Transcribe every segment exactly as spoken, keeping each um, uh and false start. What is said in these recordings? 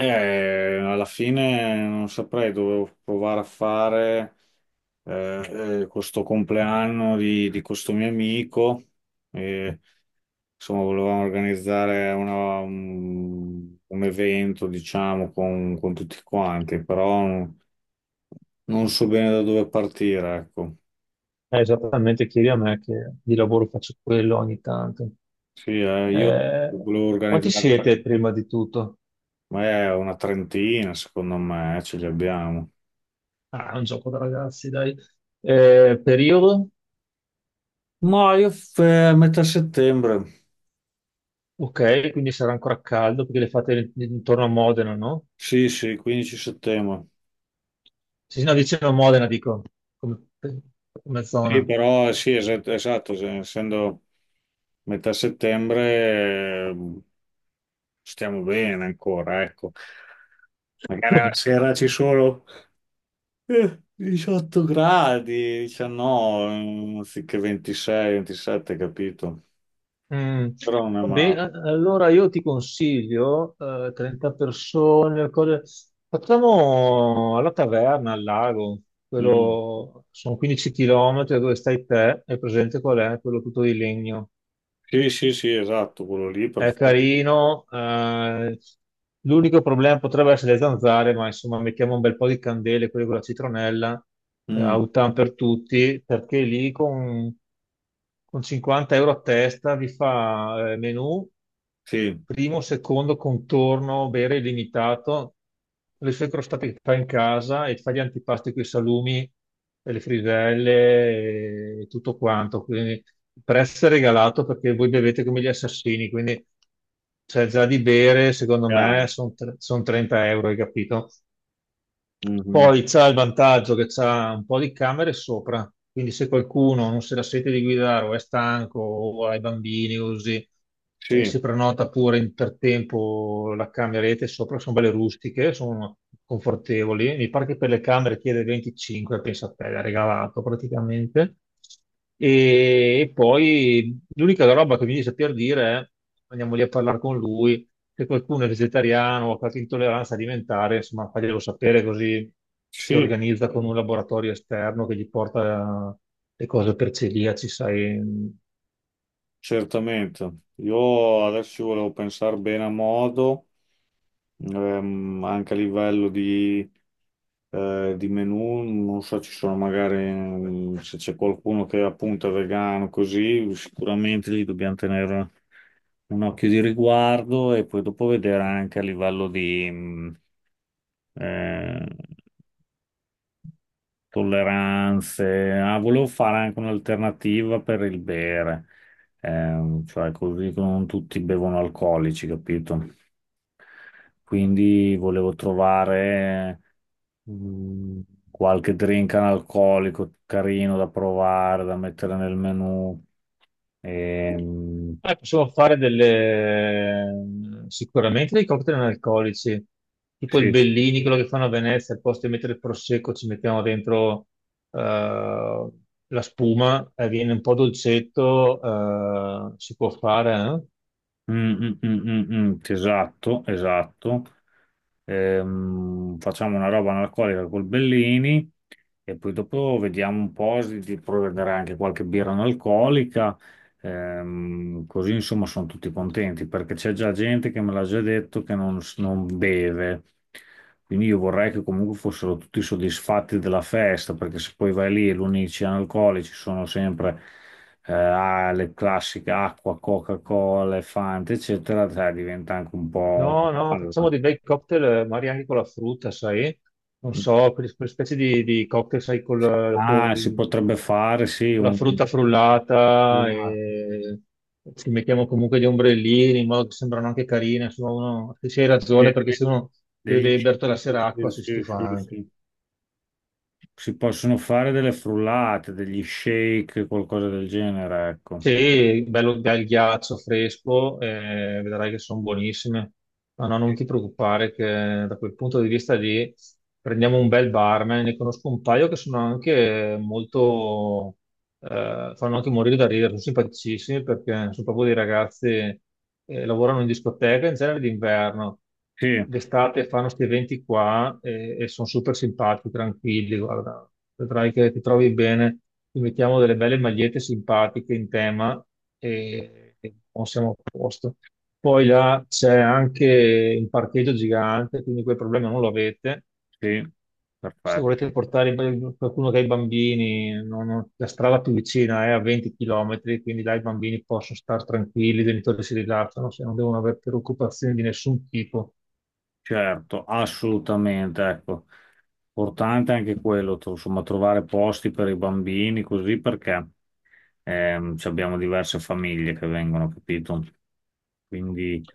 Eh, alla fine non saprei, dovevo provare a fare eh, eh, questo compleanno di, di questo mio amico. E, insomma, volevamo organizzare una- un, un evento, diciamo, con, con tutti quanti, però non, non so bene da dove partire, ecco. Eh, esattamente, chiedi a me che di lavoro faccio quello ogni tanto. Sì, eh, io Eh, volevo Quanti organizzare, siete prima di tutto? ma è una trentina, secondo me, eh, ce li abbiamo. Ah, è un gioco da ragazzi, dai. Eh, periodo? Ma io f- eh, metà settembre. Ok, quindi sarà ancora caldo perché le fate intorno a Modena, no? Sì, sì, quindici settembre. Sì, sì, no, vicino a Modena, dico, come, come Sì, zona. però eh, sì, es- esatto, se- essendo metà settembre eh, stiamo bene ancora, ecco. Magari la sera ci sono eh, diciotto gradi, diciannove, mm, anziché ventisei, ventisette, capito? Mm. Però non è Va bene, male. a- allora io ti consiglio, eh, trenta persone, cose- facciamo alla taverna, al lago, Mm. quello, sono quindici chilometri da dove stai te, è presente qual è? Quello tutto di legno. Sì, sì, sì, esatto, quello lì, È perfetto. carino, eh, l'unico problema potrebbe essere le zanzare, ma insomma mettiamo un bel po' di candele, quelle con la citronella, eh, Mm, autan per tutti, perché lì con, con cinquanta euro a testa vi fa eh, menù sì, primo, secondo contorno, bere illimitato, le sue crostate che fai in casa e fai gli antipasti con i salumi e le friselle e tutto quanto. Quindi il prezzo è regalato perché voi bevete come gli assassini, quindi c'è già di bere, secondo me, chiaro. sono trenta euro, hai capito? Mhm. Poi c'ha il vantaggio che c'ha un po' di camere sopra, quindi se qualcuno non se la sente di guidare o è stanco o ha i bambini o così, eh, Sì, si prenota pure in- per tempo la cameretta sopra, sono belle rustiche, sono confortevoli. Mi pare che per le camere chiede venticinque, pensa a te, l'ha regalato praticamente. E, e poi l'unica roba che mi dice per dire è andiamo lì a parlare con lui se qualcuno è vegetariano o ha qualche intolleranza alimentare, insomma, faglielo sapere così si sì. organizza con un laboratorio esterno che gli porta eh, le cose per celiaci, sai. Certamente, io adesso ci volevo pensare bene a modo, ehm, anche a livello di, eh, di menù, non so, ci sono magari mm, se c'è qualcuno che appunto è vegano, così sicuramente lì dobbiamo tenere un occhio di riguardo e poi dopo vedere anche a livello di mm, eh, tolleranze. Ah, volevo fare anche un'alternativa per il bere. Ehm, cioè così che non tutti bevono alcolici, capito? Quindi volevo trovare mm, qualche drink analcolico carino da provare, da mettere nel menù. Ehm, Eh, possiamo fare delle, sicuramente dei cocktail analcolici, tipo il sì, Bellini, quello che fanno a Venezia, al posto di mettere il prosecco ci mettiamo dentro eh, la spuma, eh, viene un po' dolcetto, eh, si può fare, eh? mm, mm, mm, mm, mm, esatto, esatto. Ehm, facciamo una roba analcolica col Bellini. E poi dopo vediamo un po' s- di provvedere anche qualche birra non alcolica, ehm, così insomma sono tutti contenti perché c'è già gente che me l'ha già detto che non, s- non beve. Quindi io vorrei che comunque fossero tutti soddisfatti della festa, perché se poi vai lì e l'unici analcolici sono sempre eh, ah, le classiche acqua, Coca-Cola, Fanta, eccetera, sai, diventa anche un po' una No, no, facciamo palla. dei bei cocktail, eh, magari anche con la frutta, sai? Non so, quelle, quelle specie di, di cocktail, sai, col, Ah, si col- potrebbe fare, sì, con la un... frutta frullata e ci mettiamo comunque gli ombrellini in modo che sembrano anche carine. Insomma, uno, se c'hai de- ragione, perché se uno beve dei degli- berto la sera acqua si si stufa si- anche. si- si possono fare delle frullate, degli shake, qualcosa del genere, ecco. Sì, bello, bel ghiaccio fresco, eh, vedrai che sono buonissime. Ma no, non ti preoccupare che da quel punto di vista lì prendiamo un bel barman, ne conosco un paio che sono anche molto, eh, fanno anche morire da ridere, sono simpaticissimi perché sono proprio dei ragazzi, eh, lavorano in discoteca in genere d'inverno, Sì, d'estate fanno questi eventi qua e, e sono super simpatici, tranquilli, guarda, vedrai che ti trovi bene, ti mettiamo delle belle magliette simpatiche in tema e, e non siamo a posto. Poi là c'è anche un parcheggio gigante, quindi quel problema non lo avete sì, se volete perfetto, portare in- qualcuno che ha i bambini, non- non- la strada più vicina è a venti chilometri, quindi là i bambini possono stare tranquilli, i genitori si rilassano, se non devono avere preoccupazioni di nessun tipo. certo, assolutamente, ecco. Importante anche quello, tro- insomma, trovare posti per i bambini, così perché ehm, ci abbiamo diverse famiglie che vengono, capito? Quindi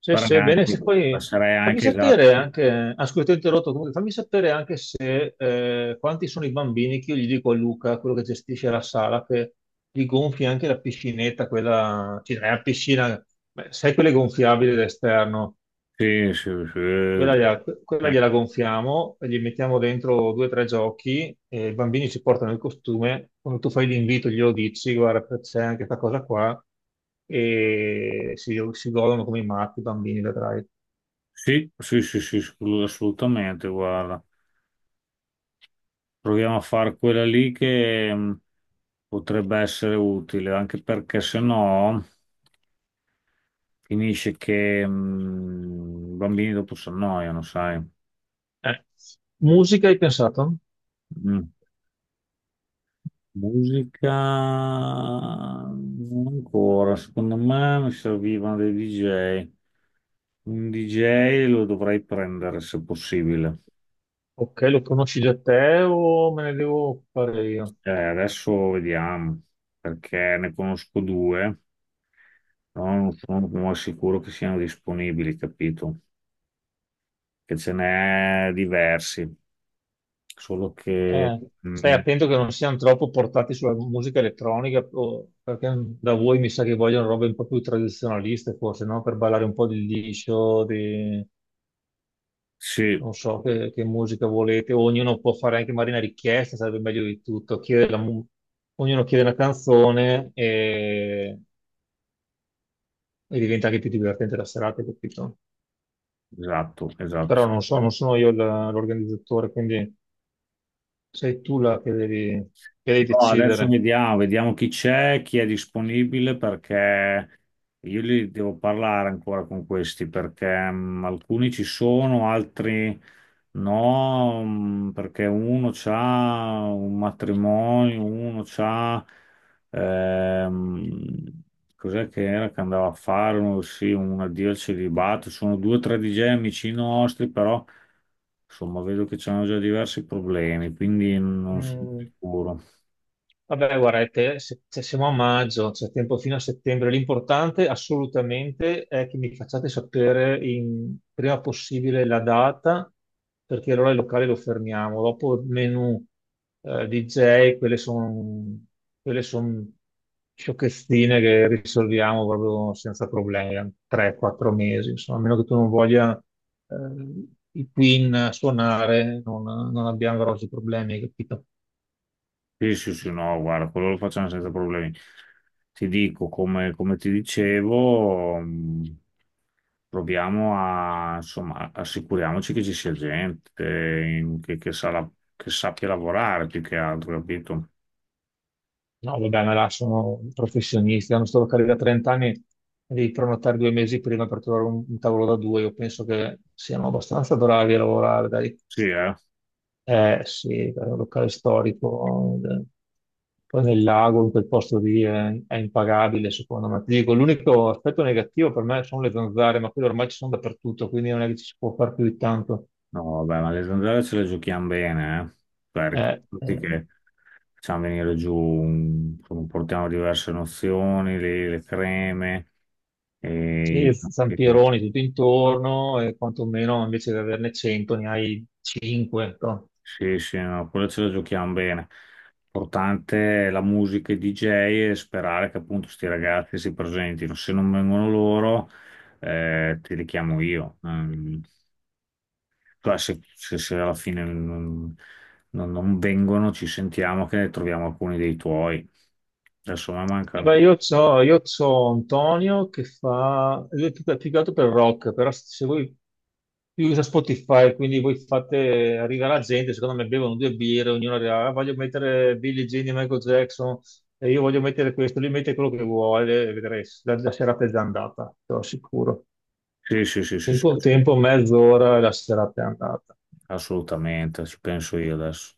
Se, farei se, Bene, anche, se poi passerei fammi anche esatto. sapere anche, ah, scusa, ti ho interrotto, comunque, fammi sapere anche se eh, quanti sono i bambini che io gli dico a Luca, quello che gestisce la sala, che gli gonfi anche la piscinetta, quella, cioè, è una piscina, beh, sai quelle gonfiabili d'esterno. Sì, sì, Quella gliela, sì. Quella gliela gonfiamo, e gli mettiamo dentro due o tre giochi e i bambini ci portano il costume. Quando tu fai l'invito, glielo dici, guarda, c'è anche questa cosa qua, e si, si godono come i matti i bambini, vedrai. Sì, sì, sì, sì, assolut- assolutamente, guarda. Proviamo a fare quella lì che mh, potrebbe essere utile, anche perché se no finisce che mh, i bambini dopo si annoiano, sai. Eh, Musica hai pensato? Mm. Musica non ancora, secondo me mi servivano dei D J. Un D J lo dovrei prendere se possibile. Ok, lo conosci già te o me ne devo fare io? Eh, adesso vediamo, perché ne conosco due. sono, sono sono sicuro che siano disponibili, capito? Che ce n'è diversi, solo che... Eh, mm, Stai mm, attento che non siano troppo portati sulla musica elettronica, o- perché da voi mi sa che vogliono robe un po' più tradizionaliste, forse, no? Per ballare un po' di liscio, di... sì, non so che, che musica volete. Ognuno può fare anche magari una richiesta, sarebbe meglio di tutto. Chiede la mu- Ognuno chiede una canzone e... e diventa anche più divertente la serata, capito? esatto, esatto. Però non so, non sono io la- l'organizzatore, quindi sei tu la che devi, che devi No, adesso decidere. vediamo, vediamo chi c'è, chi è disponibile, perché io li devo parlare ancora con questi, perché mm, alcuni ci sono, altri no, mm, perché uno c'ha un matrimonio, uno c'ha... ehm, cos'è che era che andava a fare? Uno, sì, un addio al celibato. Sono due o tre D J amici nostri, però insomma vedo che c'hanno già diversi problemi, quindi non sono Mm. sicuro. Vabbè, guarda, è te- se, se siamo a maggio, c'è tempo fino a settembre. L'importante assolutamente è che mi facciate sapere in- prima possibile la data, perché allora il locale lo fermiamo. Dopo il menù, eh, di jay, quelle sono quelle son sciocchezzine che risolviamo proprio senza problemi, tre quattro mesi, insomma, a meno che tu non voglia eh, i Queen suonare, non, non abbiamo grossi problemi, capito? Sì, sì, sì, no, guarda, quello lo facciamo senza problemi. Ti dico, come, come ti dicevo, mh, proviamo a, insomma, assicuriamoci che ci sia gente in- che, che sa la- che sappia lavorare più che altro, capito? No, vabbè, ma là sono professionisti, hanno sta locale da trenta anni, devi prenotare due mesi prima per trovare un, un tavolo da due. Io penso che siano abbastanza bravi a lavorare, dai. Sì, eh? Eh sì, è un locale storico, eh, poi nel lago, in quel posto lì è, è impagabile, secondo me. Ti dico, l'unico aspetto negativo per me sono le zanzare, ma quelle ormai ci sono dappertutto, quindi non è che ci si può fare più di tanto. No, vabbè, ma le zanzare ce le giochiamo bene, eh? Cioè, Eh, ricordati eh. che facciamo venire giù, un- insomma, portiamo diverse nozioni, le, le creme, e... Sì, zampironi tutto intorno e quantomeno invece di averne cento ne hai cinque. Sì, sì, no, quello ce la giochiamo bene. Importante è la musica e i D J e sperare che appunto questi ragazzi si presentino. Se non vengono loro, eh, ti richiamo io. Ehm, cioè, se, se- se alla fine non, non- non vengono, ci sentiamo che ne troviamo alcuni dei tuoi. Adesso mi manca... Vabbè, ancora. io c'ho, io c'ho Antonio che fa, lui è più, più che altro per rock, però se voi lui usa Spotify, quindi voi fate, arriva la gente, secondo me bevono due birre, ognuno dirà, "Ah, voglio mettere Billie Jean di Michael Jackson, e io voglio mettere questo", lui mette quello che vuole, e vedrai, la, la serata è già andata, te lo assicuro. Sì, sì, sì, sì, sì, Tempo, tempo, mezz'ora e la serata è andata. assolutamente, ci penso io adesso.